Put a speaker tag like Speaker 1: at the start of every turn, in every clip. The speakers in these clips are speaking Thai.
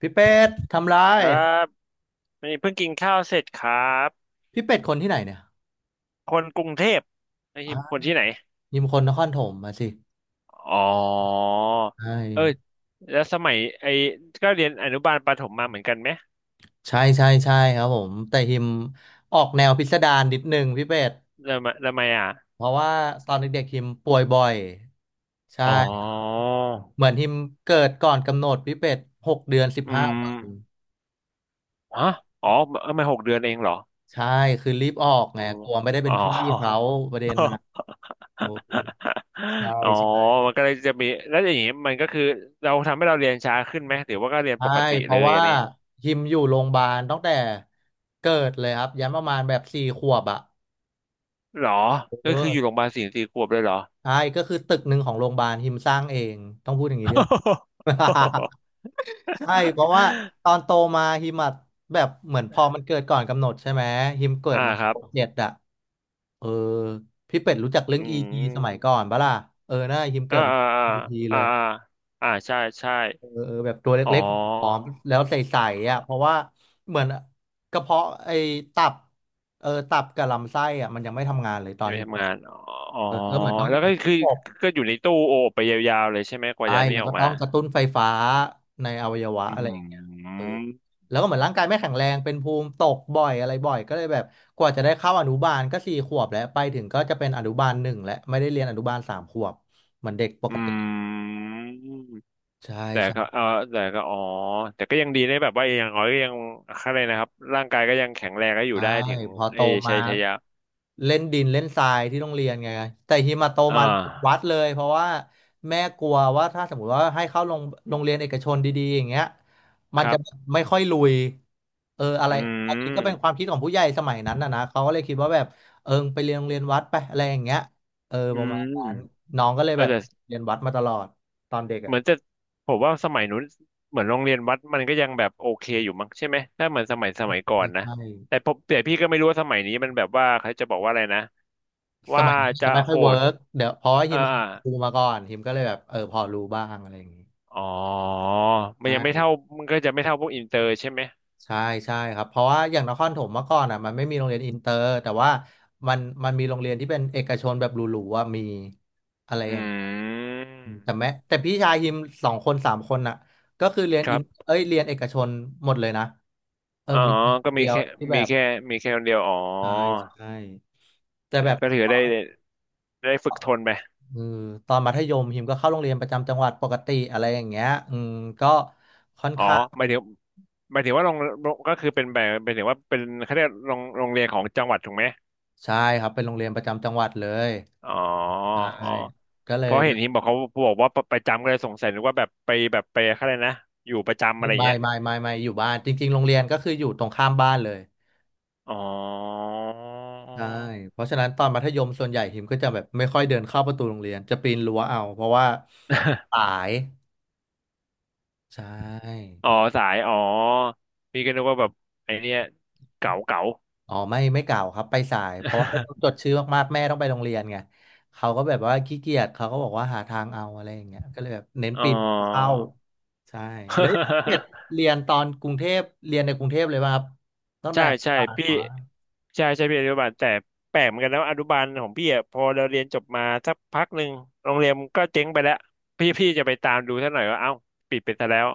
Speaker 1: พี่เป็ดทำไร
Speaker 2: ครับนี่เพิ่งกินข้าวเสร็จครับ
Speaker 1: พี่เป็ดคนที่ไหนเนี่ย
Speaker 2: คนกรุงเทพนายฮิม
Speaker 1: อ่า
Speaker 2: คนที่ไหน
Speaker 1: ยิมคนนครถมมาสิ
Speaker 2: อ๋อ
Speaker 1: ใช่
Speaker 2: เอ้ยแล้วสมัยไอ้ก็เรียนอนุบาลประถมมาเหมือนกันไหม
Speaker 1: ใช่ใช่ใช่ครับผมแต่ฮิมออกแนวพิสดารนิดนึงพี่เป็ด
Speaker 2: แล้วมาอ่ะ
Speaker 1: เพราะว่าตอนเด็กๆฮิมป่วยบ่อย
Speaker 2: อ๋อ
Speaker 1: ใช่เหมือนฮิมเกิดก่อนกำหนดพี่เป็ดหกเดือนสิบ
Speaker 2: อื
Speaker 1: ห้า
Speaker 2: ม
Speaker 1: วัน
Speaker 2: ฮะอ๋อเอ้มาหกเดือนเองเหรอ
Speaker 1: ใช่คือรีบออกไง
Speaker 2: อืม
Speaker 1: กลัวไม่ได้เป็
Speaker 2: อ๋อ
Speaker 1: นพี่เขาประเด็นนะโอ้โหใช่
Speaker 2: อ๋อ
Speaker 1: ใช่
Speaker 2: มันก็เลยจะมีแล้วอย่างนี้มันก็คือเราทำให้เราเรียนช้าขึ้นไหมหรือว่าก็เรียน
Speaker 1: ใช่
Speaker 2: ปกติ
Speaker 1: เพ
Speaker 2: เล
Speaker 1: ราะ
Speaker 2: ย
Speaker 1: ว่า
Speaker 2: อะไนี้
Speaker 1: ฮิมอยู่โรงพยาบาลตั้งแต่เกิดเลยครับยันประมาณแบบสี่ขวบอ่ะ
Speaker 2: หรอ
Speaker 1: เ
Speaker 2: ก็คืออยู่โร
Speaker 1: ออ
Speaker 2: งพยาบาลสี่ขวบเลยเหรอ
Speaker 1: ใช่ก็คือตึกหนึ่งของโรงพยาบาลฮิมสร้างเองต้องพูดอย่างนี้ด้วย ใช่เพราะว่าตอนโตมาฮิมอะแบบเหมือนพอมันเกิดก่อนกำหนดใช่ไหมฮิมเกิด
Speaker 2: อ่า
Speaker 1: มา
Speaker 2: ครั
Speaker 1: ห
Speaker 2: บ
Speaker 1: กเจ็ดอะเออพี่เป็ดรู้จักเรื่อ
Speaker 2: อื
Speaker 1: ง e ีทีสมัย
Speaker 2: ม
Speaker 1: ก่อนปะล่ะเออน่าฮิมเกิ
Speaker 2: อ่า
Speaker 1: ดมา
Speaker 2: อ่า
Speaker 1: e ีที
Speaker 2: อ่า
Speaker 1: เล
Speaker 2: อ่า
Speaker 1: ย
Speaker 2: อ่าอ่าใช่ใช่
Speaker 1: เออเออแบบตัว
Speaker 2: อ๋อ
Speaker 1: เล็กๆผอมแล้วใสๆอ่ะเพราะว่าเหมือนกระเพาะไอ้ตับเออตับกับลำไส้อ่ะมันยังไม่ทำงานเลยตอ
Speaker 2: อ
Speaker 1: น
Speaker 2: ยู่ใน
Speaker 1: ฮิม
Speaker 2: ทำงานอ๋ออ๋อ
Speaker 1: เออก็เหมือนต้อง
Speaker 2: แล้
Speaker 1: อ
Speaker 2: ว
Speaker 1: ยู่
Speaker 2: ก็
Speaker 1: ใน
Speaker 2: คือ
Speaker 1: ระบบ
Speaker 2: ก็อยู่ในตู้โอบไปยาวๆเลยใช่ไหมกว่า
Speaker 1: ใช่
Speaker 2: จะนี่
Speaker 1: แล้ว
Speaker 2: ออ
Speaker 1: ก็
Speaker 2: ก
Speaker 1: ต้
Speaker 2: มา
Speaker 1: องกระตุ้นไฟฟ้าในอวัยวะ
Speaker 2: อื
Speaker 1: อะไรอย่างเงี้ยเออ
Speaker 2: ม
Speaker 1: แล้วก็เหมือนร่างกายไม่แข็งแรงเป็นภูมิตกบ่อยอะไรบ่อยก็เลยแบบกว่าจะได้เข้าอนุบาลก็สี่ขวบแล้วไปถึงก็จะเป็นอนุบาลหนึ่งแล้วไม่ได้เรียนอนุบาลสามขวบเหมือนเด็กปก
Speaker 2: อื
Speaker 1: ติ
Speaker 2: ม
Speaker 1: ใช่
Speaker 2: แต่ก็
Speaker 1: ใช่
Speaker 2: เออแต่ก็อ๋อแต่ก็ยังดีนะแบบว่าอย่างน้อยก็ยังอะไรนะครับร่างกายก็ยังแข็งแรงก็อยู่
Speaker 1: ใช่
Speaker 2: ได้ถึง
Speaker 1: พอ
Speaker 2: เอ
Speaker 1: โต
Speaker 2: อชั
Speaker 1: มา
Speaker 2: ยชยะ
Speaker 1: เล่นดินเล่นทรายที่โรงเรียนไงแต่ฮิมาโต
Speaker 2: อ่
Speaker 1: มาวัด
Speaker 2: า
Speaker 1: เลยเพราะว่าแม่กลัวว่าถ้าสมมติว่าให้เข้าโรงเรียนเอกชนดีๆอย่างเงี้ยมัน
Speaker 2: ครั
Speaker 1: จะ
Speaker 2: บ
Speaker 1: ไม่ค่อยลุยเอออะไร
Speaker 2: อื
Speaker 1: อันนี้ก็เป็น
Speaker 2: ม
Speaker 1: ความคิดของผู้ใหญ่สมัยนั้นนะนะเขาก็เลยคิดว่าแบบเออไปเรียนโรงเรียนวัดไปอะไรอย่างเงี้ยเออ
Speaker 2: อื
Speaker 1: ประมาณนั้น
Speaker 2: ม
Speaker 1: น้องก็เลย
Speaker 2: ก็
Speaker 1: แบบ
Speaker 2: จะ
Speaker 1: เรียนวัดมาตลอดตอนเด็ก
Speaker 2: เห
Speaker 1: อ่ะ
Speaker 2: มือนจะผมว่าสมัยนู้นเหมือนโรงเรียนวัดมันก็ยังแบบโอเคอยู่มั้งใช่ไหมถ้าเหมือนสมัยก่อนนะ
Speaker 1: ใช่
Speaker 2: แต่ผมแต่พี่ก็ไม่รู้ว่าสมัยนี้มันแบบว่าเขาจะบอกว่าอะไรนะ
Speaker 1: ส
Speaker 2: ว่า
Speaker 1: มัยนี้
Speaker 2: จะ
Speaker 1: จะไม่
Speaker 2: โห
Speaker 1: ค่อย
Speaker 2: ด
Speaker 1: เวิร์กเดี๋ยวเพราะว่าฮิ
Speaker 2: เอา
Speaker 1: มเค
Speaker 2: อา
Speaker 1: ยเป็นครูมาก่อนฮิมก็เลยแบบเออพอรู้บ้างอะไรอย่างนี้
Speaker 2: อ๋อมันยังไม่
Speaker 1: ใช่
Speaker 2: เท่ามันก็จะไม่เท่าพวกอินเตอร์ใช่ไหม
Speaker 1: ใช่ใช่ครับเพราะว่าอย่างนครถมเมื่อก่อนอ่ะมันไม่มีโรงเรียนอินเตอร์แต่ว่ามันมีโรงเรียนที่เป็นเอกชนแบบหรูๆว่ามีอะไร
Speaker 2: อื
Speaker 1: อย่างเงี้ยแต่
Speaker 2: ม
Speaker 1: แม้แต่พี่ชายฮิมสองคนสามคนอ่ะก็คือ
Speaker 2: ครับ
Speaker 1: เรียนเอกชนหมดเลยนะเออ
Speaker 2: อ๋อ
Speaker 1: มีค
Speaker 2: ก็
Speaker 1: น
Speaker 2: มี
Speaker 1: เดียว
Speaker 2: แค่
Speaker 1: ที่แบ
Speaker 2: มี
Speaker 1: บ
Speaker 2: แค่มีแค่คนเดียวอ๋อ
Speaker 1: ใช่ใช่แต่แบบ
Speaker 2: ก็ถือได้ได้ฝึกทนไป
Speaker 1: เออตอนมัธยมฮิมก็เข้าโรงเรียนประจำจังหวัดปกติอะไรอย่างเงี้ยอืมก็ค่อน
Speaker 2: อ๋อ
Speaker 1: ข้าง
Speaker 2: หมายถึงหมายถึงว่าโรงโรงก็คือเป็นแบบหมายถึงว่าเป็นเขาเรียกโรงโรงเรียนของจังหวัดถูกไหม
Speaker 1: ใช่ครับเป็นโรงเรียนประจำจังหวัดเลย
Speaker 2: อ๋อ
Speaker 1: ใช่
Speaker 2: อ๋อ
Speaker 1: ก็เล
Speaker 2: เพ
Speaker 1: ย
Speaker 2: ราะ
Speaker 1: แบ
Speaker 2: เห็น
Speaker 1: บ
Speaker 2: ทีมบอกเขาบอกว่าประจำก็เลยสงสัยนึกว่าแบบไปแบบไปอะไรนะอยู่ประจำอะ
Speaker 1: ไม่
Speaker 2: ไรอย่าง
Speaker 1: ไม่
Speaker 2: เงี้ย
Speaker 1: ไม่ไม่ไม่อยู่บ้านจริงๆโรงเรียนก็คืออยู่ตรงข้ามบ้านเลย
Speaker 2: อ๋อ
Speaker 1: ใช่เพราะฉะนั้นตอนมัธยมส่วนใหญ่หิมก็จะแบบไม่ค่อยเดินเข้าประตูโรงเรียนจะปีนรั้วเอาเพราะว่าสา ยใช่
Speaker 2: อ๋อสายอ๋อพี่ก็นึกว่าแบบไอเนี้ยเก๋าเก๋า
Speaker 1: อ๋อไม่ไม่เก่าครับไปสายเพราะว่าต้องจด ชื่อมากๆแม่ต้องไปโรงเรียนไงเขาก็แบบว่าขี้เกียจเขาก็บอกว่าหาทางเอาอะไรอย่างเงี้ยก็เลยแบบเน้น
Speaker 2: อ๋อ
Speaker 1: ปีนเข้าใช่แล้วเรียน เรียนตอนกรุงเทพเรียนในกรุงเทพเลยป่ะครับตั้ง
Speaker 2: ใช่
Speaker 1: แต่
Speaker 2: ใช่
Speaker 1: ปา
Speaker 2: พี่
Speaker 1: น
Speaker 2: ใช่ใช่พี่อนุบาลแต่แปลกเหมือนกันนะว่าอนุบาลของพี่อะพอเราเรียนจบมาสักพักหนึ่งโรงเรียนก็เจ๊งไปแล้วพี่จะไปตามดูซะหน่อยว่าเอ้าปิดไปซะแล้ว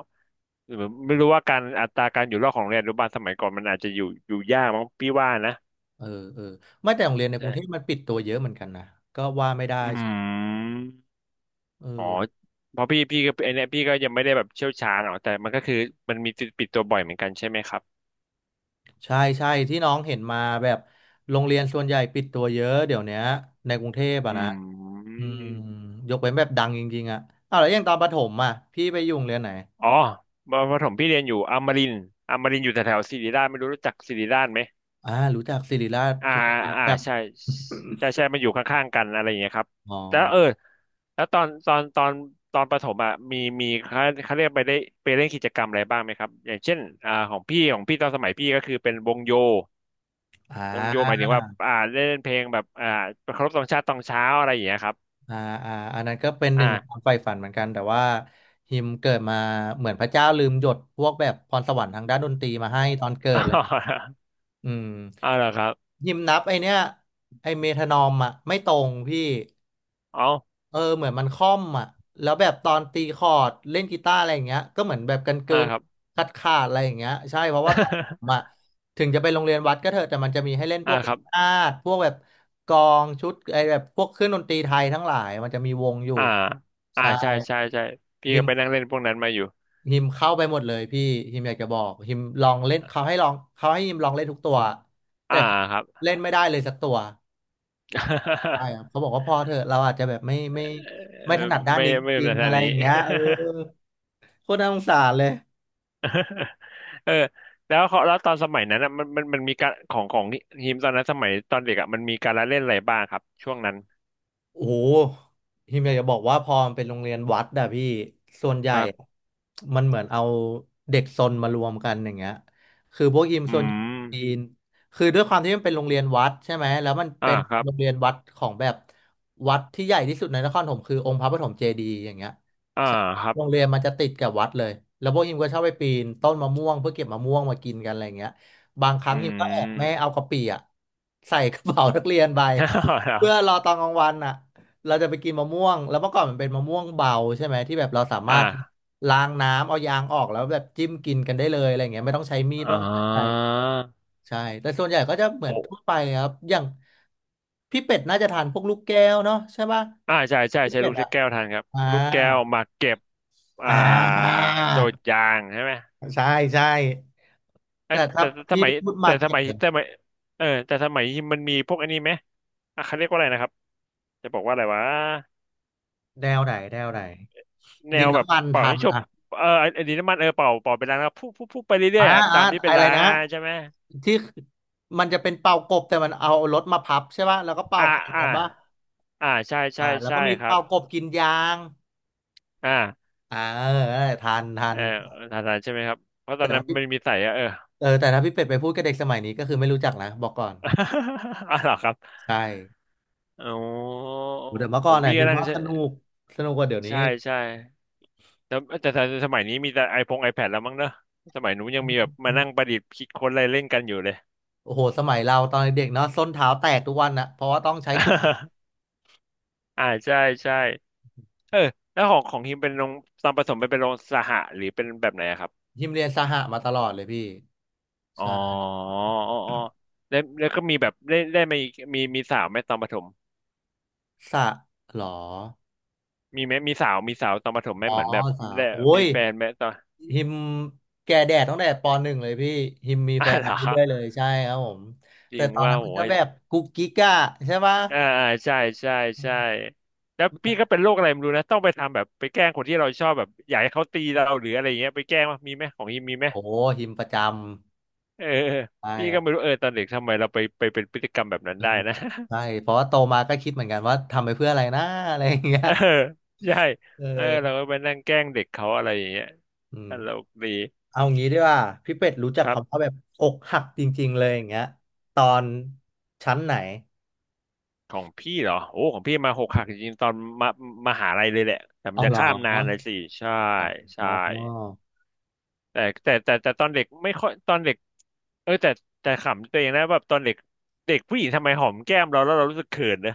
Speaker 2: หรือไม่รู้ว่าการอัตราการอยู่รอดของโรงเรียนอนุบาลสมัยก่อนมันอาจจะอยู่ยากมั้งพี่ว่านะ
Speaker 1: เออเออไม่แต่โรงเรียนในกรุ
Speaker 2: ใช่
Speaker 1: งเทพมันปิดตัวเยอะเหมือนกันนะก็ว่าไม่ได้
Speaker 2: อืม
Speaker 1: เอ
Speaker 2: อ๋อ
Speaker 1: อ
Speaker 2: เพราะพี่ก็ไอเนี้ยพี่ก็ยังไม่ได้แบบเชี่ยวชาญหรอกแต่มันก็คือมันมีปิดตัวบ่อยเหมือนกันใช่ไหมครับ
Speaker 1: ใช่ใช่ที่น้องเห็นมาแบบโรงเรียนส่วนใหญ่ปิดตัวเยอะเดี๋ยวเนี้ยในกรุงเทพ
Speaker 2: อ
Speaker 1: อะนะ
Speaker 2: ื
Speaker 1: อืม
Speaker 2: ม
Speaker 1: ยกเว้นแบบดังจริงๆอะอ้าวแล้วอย่างตอนประถมอะพี่ไปอยู่โรงเรียนไหน
Speaker 2: อ๋อประถมพี่เรียนอยู่อมรินทร์อมรินทร์อยู่แถวๆศิริราชไม่รู้รู้จักศิริราชไหม
Speaker 1: อ่ารู้จักศิริราช
Speaker 2: อ่า
Speaker 1: ทุกคนรู้
Speaker 2: อ่า
Speaker 1: จัก
Speaker 2: ใช่ใช่ใช่มันอยู่ข้างๆกันอะไรอย่างเงี้ยครับ
Speaker 1: อ๋อ
Speaker 2: แล้วเออแล้วตอนประถมอ่ะมีเขาเรียกไปได้ไปเล่นกิจกรรมอะไรบ้างไหมครับอย่างเช่นอ่าของพี่ตอนสมัยพี่ก็คือเป็นวงโย
Speaker 1: อ่
Speaker 2: วงโยหมา
Speaker 1: า
Speaker 2: ยถึงว่าอ่าเล่นเพลงแบบอ่าเคารพธงชาติตอนเช้าอะไรอย่างเงี้ยครับ
Speaker 1: อ่าอ่าอันนั้นก็เป็นห
Speaker 2: อ่า
Speaker 1: นึ่งในความใฝ่ฝันเหมือนกันแต่ว่าฮิมเกิดมาเหมือนพระเจ้าลืมหยดพวกแบบพรสวรรค์ทางด้านดนตรีมาให้ตอนเกิดเลย อืม
Speaker 2: อ๋อเหรอครับ
Speaker 1: ฮิมนับไอเนี้ยไอเมทานอมอ่ะไม่ตรงพี่
Speaker 2: อ๋อ
Speaker 1: เออเหมือนมันค่อมอ่ะแล้วแบบตอนตีคอร์ดเล่นกีตาร์อะไรอย่างเงี้ยก็เหมือนแบบกันเกิ
Speaker 2: อ่า
Speaker 1: น
Speaker 2: ครับ
Speaker 1: ขาดขาดอะไรอย่างเงี้ยใช่เพราะว่าตอนผมอ่ะ ถึงจะไปโรงเรียนวัดก็เถอะแต่มันจะมีให้เล่นพ
Speaker 2: อ่า
Speaker 1: วก
Speaker 2: ครับ
Speaker 1: นาฏพวกแบบกลองชุดไอแบบพวกเครื่องดนตรีไทยทั้งหลายมันจะมีวงอยู่
Speaker 2: อ่าอ่า
Speaker 1: ใช่
Speaker 2: ใช่ใช่ใช่พี่
Speaker 1: ฮิ
Speaker 2: ก็
Speaker 1: ม
Speaker 2: ไปนั่งเล่นพวกนั้นมาอยู่
Speaker 1: ฮิมเข้าไปหมดเลยพี่ฮิมอยากจะบอกฮิมลองเล่นเขาให้ลองเขาให้ฮิมลองเล่นทุกตัว
Speaker 2: อ่า
Speaker 1: แต่
Speaker 2: ครับ
Speaker 1: เล่นไม่ได้เลยสักตัว ใช่ ครับเขาบอกว่าพอเถอะเราอาจจะแบบไม่
Speaker 2: เอ
Speaker 1: ไม่ถ
Speaker 2: อ
Speaker 1: นัดด้าน
Speaker 2: ไม่
Speaker 1: นี้
Speaker 2: ไม่
Speaker 1: จ
Speaker 2: เป็น
Speaker 1: ริงๆ
Speaker 2: ทา
Speaker 1: อะ
Speaker 2: ง
Speaker 1: ไรอ
Speaker 2: นี้
Speaker 1: ย่างเงี้ยเออโคตรน่าสงสารเลย
Speaker 2: เออแล้วเขาแล้วตอนสมัยนั้นอะมันมีการของของทีมตอนนั้นสมัยตอนเด็กอ่ะมันมีการละเล่นอะไรบ้างครับช่วงนั้น
Speaker 1: โอ้โหทีมอยากจะบอกว่าพอมันเป็นโรงเรียนวัดอะพี่ ส่วนให
Speaker 2: ค
Speaker 1: ญ่
Speaker 2: รับ
Speaker 1: มันเหมือนเอาเด็กซนมารวมกันอย่างเงี้ยคือพวกยิม
Speaker 2: อื
Speaker 1: ซน
Speaker 2: ม
Speaker 1: จีนคือด้วยความที่มันเป็นโรงเรียนวัดใช่ไหมแล้วมัน
Speaker 2: อ่า
Speaker 1: เป็น
Speaker 2: ครับ
Speaker 1: โรงเรียนวัดของแบบวัดที่ใหญ่ที่สุดในนครปฐมคือองค์พระปฐมเจดีย์อย่างเงี้ย
Speaker 2: อ่า
Speaker 1: ใช่
Speaker 2: ครับ
Speaker 1: โรงเรียนมันจะติดกับวัดเลยแล้วพวกยิมก็ชอบไปปีนต้นมะม่วงเพื่อเก็บมะม่วงมากินกันอะไรเงี้ยบางครั้
Speaker 2: อื
Speaker 1: งฮิมก็แอบแม่เอา
Speaker 2: ม
Speaker 1: กะปิอะใส่กระเป๋านักเรียนไป
Speaker 2: เหรอ
Speaker 1: เพื่อรอตอนกลางวันอ่ะเราจะไปกินมะม่วงแล้วเมื่อก่อนมันเป็นมะม่วงเบาใช่ไหมที่แบบเราสามา
Speaker 2: อ่า
Speaker 1: รถล้างน้ำเอายางออกแล้วแบบจิ้มกินกันได้เลยอะไรอย่างเงี้ยไม่ต้องใช้มีดไม่
Speaker 2: อ๋
Speaker 1: ต้องใช้อะไรใช่แต่ส่วนใหญ่ก็จะเหมือนทั่
Speaker 2: อ
Speaker 1: วไปครับอย่างพี่เป็ดน่าจะทานพวกลูกแก้วเนาะใช่ป่ะ
Speaker 2: อ่าใช่ใช่
Speaker 1: พี่
Speaker 2: ใช้
Speaker 1: เป็
Speaker 2: ลู
Speaker 1: ด
Speaker 2: ก
Speaker 1: อ่ะ
Speaker 2: แก้วทันครับ
Speaker 1: อ่า
Speaker 2: ลูกแก้วมาเก็บอ่า
Speaker 1: อ่า
Speaker 2: โดดยางใช่ไหม
Speaker 1: ใช่ใช่
Speaker 2: เอ้ย
Speaker 1: แต่ถ้า
Speaker 2: แต่แต่ส
Speaker 1: พี่
Speaker 2: มั
Speaker 1: ไป
Speaker 2: ย
Speaker 1: พูด
Speaker 2: แต่
Speaker 1: มา
Speaker 2: ส
Speaker 1: เก็ต
Speaker 2: มัยสมัยเออแต่สมัยมันมีพวกอันนี้ไหมอ่ะเขาเรียกว่าอะไรนะครับจะบอกว่าอะไรวะ
Speaker 1: แนวไหนแนวไหน
Speaker 2: แน
Speaker 1: ดิ
Speaker 2: ว
Speaker 1: น
Speaker 2: แบบ
Speaker 1: น้ำมัน
Speaker 2: เป่า
Speaker 1: ทั
Speaker 2: ให้
Speaker 1: น
Speaker 2: จบเออไอ้ไอันนี้น้ำมันเออเป่าเป็นล้างแล้วพุ่ไปเรื่อ
Speaker 1: อ่า
Speaker 2: ยๆอ่ะตา
Speaker 1: อ่า
Speaker 2: มที่เป็น
Speaker 1: อะไร
Speaker 2: ล้าง
Speaker 1: นะ
Speaker 2: อ่ะใช่ไหม
Speaker 1: ที่มันจะเป็นเป่ากบแต่มันเอารถมาพับใช่ป่ะแล้วก็เป่า
Speaker 2: อ่า
Speaker 1: แข่ง
Speaker 2: อ่า
Speaker 1: กันป่ะ
Speaker 2: อ่าใช่ใช่
Speaker 1: อ่าแล้ว
Speaker 2: ใช่
Speaker 1: ก็มี
Speaker 2: ครับ
Speaker 1: เป่ากบกินยาง
Speaker 2: อ่า
Speaker 1: อ่าเออทันทั
Speaker 2: เอ
Speaker 1: น
Speaker 2: อทันทานใช่ไหมครับเพราะต
Speaker 1: แต่
Speaker 2: อนนั้
Speaker 1: ถ้า
Speaker 2: น
Speaker 1: พี่
Speaker 2: มันมีใส่อะเออ
Speaker 1: เออแต่ถ้าพี่เป็ดไปพูดกับเด็กสมัยนี้ก็คือไม่รู้จักนะบอกก่อน
Speaker 2: อ๋อเหรอครับ
Speaker 1: ใช่
Speaker 2: อ๋อ
Speaker 1: แต่เมื่อ
Speaker 2: ผ
Speaker 1: ก่อ
Speaker 2: ม
Speaker 1: นน่ะ
Speaker 2: พี่
Speaker 1: หิ
Speaker 2: ก็
Speaker 1: ม
Speaker 2: นั่ง
Speaker 1: ว่า
Speaker 2: ใช่
Speaker 1: สนุกสนุกกว่าเดี๋ยวนี้
Speaker 2: ใช่ใช่แต่แต่สมัยนี้มีแต่ไอพงไอแพดแล้วมั้งเนอะสมัยนู้นยังมีแบบมานั่งประดิษฐ์คิดค้นอะไรเล่นกันอยู่เลย
Speaker 1: โอ้โหสมัยเราตอนเด็กๆเนาะส้นเท้าแตกทุกวันนะเพราะว่าต้องใช้ขุด
Speaker 2: อ่าใช่ใช่เออแล้วของฮิมเป็นโรงตอนผสมไปเป็นโรงสหะหรือเป็นแบบไหนอะครับ
Speaker 1: ยิมเรียนสหะมาตลอดเลยพี่
Speaker 2: อ๋อ
Speaker 1: ใช่
Speaker 2: อ๋ออ๋อแล้วแล้วก็มีแบบได้มาอีกมีสาวไหมตอนประถม
Speaker 1: สะหรอ
Speaker 2: มีไหมมีสาวตอนประถมไหม
Speaker 1: อ๋อ
Speaker 2: เหมือนแบบ
Speaker 1: สาว
Speaker 2: ได้
Speaker 1: โอ้
Speaker 2: มี
Speaker 1: ย
Speaker 2: แฟนไหมตอน
Speaker 1: ฮิมแก่แดดตั้งแต่ปหนึ่งเลยพี่ฮิมมี
Speaker 2: อ่ะ
Speaker 1: แฟน
Speaker 2: เหร
Speaker 1: มา
Speaker 2: อ
Speaker 1: เรื่อยๆเลยใช่ครับผม
Speaker 2: จ
Speaker 1: แต่
Speaker 2: ริง
Speaker 1: ตอน
Speaker 2: ว่า
Speaker 1: นั้นมันก็
Speaker 2: โอ้ย
Speaker 1: แบบกุ๊กกิ๊กอะใช่ปะ
Speaker 2: อ่าอ่าใช่ใช่
Speaker 1: อื
Speaker 2: ใช่
Speaker 1: ม
Speaker 2: แล้วพี่ก็เป็นโรคอะไรไม่รู้นะต้องไปทำแบบไปแกล้งคนที่เราชอบแบบอยากให้เขาตีเราหรืออะไรเงี้ยไปแกล้งมั้ยมีไหมของฮิมมีไหม
Speaker 1: โอ้ฮิมประจำ
Speaker 2: เออ
Speaker 1: ใช่
Speaker 2: พี่
Speaker 1: ค
Speaker 2: ก็
Speaker 1: รั
Speaker 2: ไม่
Speaker 1: บ
Speaker 2: รู้เออตอนเด็กทำไมเราไปเป็นพฤติกรรมแบบนั้น
Speaker 1: อื
Speaker 2: ได้
Speaker 1: ม
Speaker 2: นะ
Speaker 1: ใช่เพราะว่าโตมาก็คิดเหมือนกันว่าทำไปเพื่ออะไรนะอะไรอย่างเงี้ ย
Speaker 2: เออใช่
Speaker 1: เ
Speaker 2: เออเรา
Speaker 1: ออ
Speaker 2: ก็ไปนั่งแกล้งเด็กเขาอะไรอย่างเงี้ย
Speaker 1: อืม
Speaker 2: ตลกดี
Speaker 1: เอางี้ดีกว่าพี่เป็ดรู้จัก
Speaker 2: ครับ
Speaker 1: คำว่าแบบอกหักจริงๆเลยอย่างเงี้ยตอนชั้นไหน
Speaker 2: ของพี่เหรอโอ้ของพี่มาหกหักจริงๆตอนมามหาลัยเลยแหละแต่มัน
Speaker 1: เอา
Speaker 2: จะ
Speaker 1: เหรอ
Speaker 2: ข้ามนานเลยสิใช่
Speaker 1: อ๋
Speaker 2: ใช่
Speaker 1: อ
Speaker 2: แต่ตอนเด็กไม่ค่อยตอนเด็กเออแต่แต่ขำตัวเองนะแบบตอนเด็กเด็กผู้หญิงทำไมหอมแก้มเราแล้วเรารู้สึกเขินนะ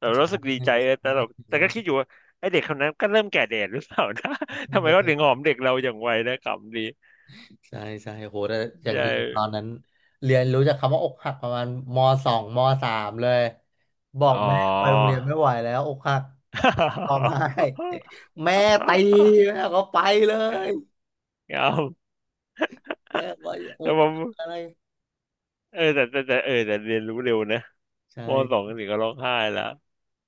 Speaker 2: เรา
Speaker 1: ใช่
Speaker 2: รู้สึกดี
Speaker 1: ใช
Speaker 2: ใจเออแต่
Speaker 1: ่
Speaker 2: เราแต่
Speaker 1: ใ
Speaker 2: ก็คิดอยู่ว่าไอเด็กคนนั้นก็เริ่มแก่แดดหรือเปล่านะ ทำไมเขาถึง
Speaker 1: ช่
Speaker 2: หอมเด็กเราอย่างไวนะขำดี
Speaker 1: ใช่ใช่โหแต่อย่าง
Speaker 2: ใช่
Speaker 1: ที่ตอนนั้นเรียนรู้จากคำว่าอกหักประมาณมสองมสามเลยบอก
Speaker 2: อ๋อ
Speaker 1: แม่ไปโรงเรียนไม่ไหวแล้วอกหักร้องไห้ แม่ตีแม่ก็ไปเลย
Speaker 2: เอา
Speaker 1: แม่ก็อ
Speaker 2: แต่
Speaker 1: ก
Speaker 2: ผม
Speaker 1: หักอะไร
Speaker 2: เออแต่เออแต่เรียนรู้เร็วนะมสอ
Speaker 1: ใช่
Speaker 2: งถึงก็ร้องไห้แล้ว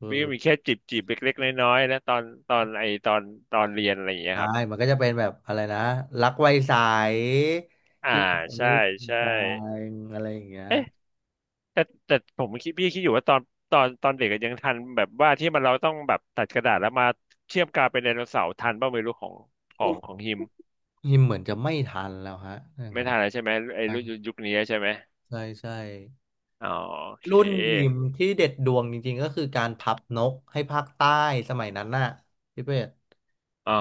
Speaker 1: อื
Speaker 2: วี่
Speaker 1: ม
Speaker 2: มีแค่จีบเล็กๆน้อยๆนะตอนตอนไอตอนตอนเรียนอะไรอย่างเงี้ย
Speaker 1: ใช่
Speaker 2: ครับ
Speaker 1: มันก็จะเป็นแบบอะไรนะรักไวสาย
Speaker 2: อ่า
Speaker 1: ที่แบบไม่
Speaker 2: ใช่
Speaker 1: ได้จริง
Speaker 2: ใช่
Speaker 1: ใจงอะไรอย่างเงี้ย
Speaker 2: เอ๊ะแต่ผมคิดพี่คิดอยู่ว่าตอนตอนเด็กอะยังทันแบบว่าที่มันเราต้องแบบตัดกระดาษแล้วมาเชื่อมกาวเป็นไดโนเสาร์ทันบ้างไม่รู้ของขอ
Speaker 1: โอ้
Speaker 2: ง
Speaker 1: ย
Speaker 2: ของฮิม
Speaker 1: หิมเหมือนจะไม่ทันแล้วฮะถ้าอย่าง
Speaker 2: ไม่
Speaker 1: นั้น
Speaker 2: ทันแล้วใช่ไหมไอ
Speaker 1: อ่ะ
Speaker 2: รุ่นยุคนี้ใช่ไหม
Speaker 1: ใช่ใช่
Speaker 2: อ๋อโอเค
Speaker 1: รุ่นหิมที่เด็ดดวงจริงๆก็คือการพับนกให้ภาคใต้สมัยนั้นน่ะพี่เป็ด
Speaker 2: อ๋อ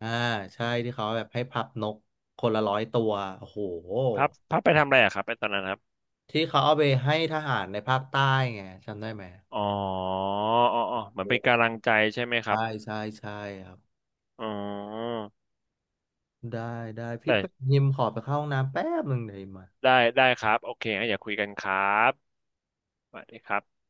Speaker 1: อ่าใช่ที่เขาแบบให้พับนกคนละร้อยตัวโอ้โห
Speaker 2: พับไปทำอะไรอะครับไปตอนนั้นครับ
Speaker 1: ที่เขาเอาไปให้ทหารในภาคใต้ไงจำได้ไหม
Speaker 2: อ๋ออ๋ออ๋อเหมือ
Speaker 1: โอ
Speaker 2: นเป็นกำลั
Speaker 1: ้
Speaker 2: งใจใช่ไหมครั
Speaker 1: ใช่
Speaker 2: บ
Speaker 1: ใช่ใช่ครับ
Speaker 2: อ๋อ
Speaker 1: ได้ได้พี่เป็ด
Speaker 2: แต่
Speaker 1: หิมขอไปเข้าห้องน้ำแป๊บหนึ่งเลยวหิมมา
Speaker 2: ได้ได้ครับโอเคงั้นอย่าคุยกันครับสวัสดีครับ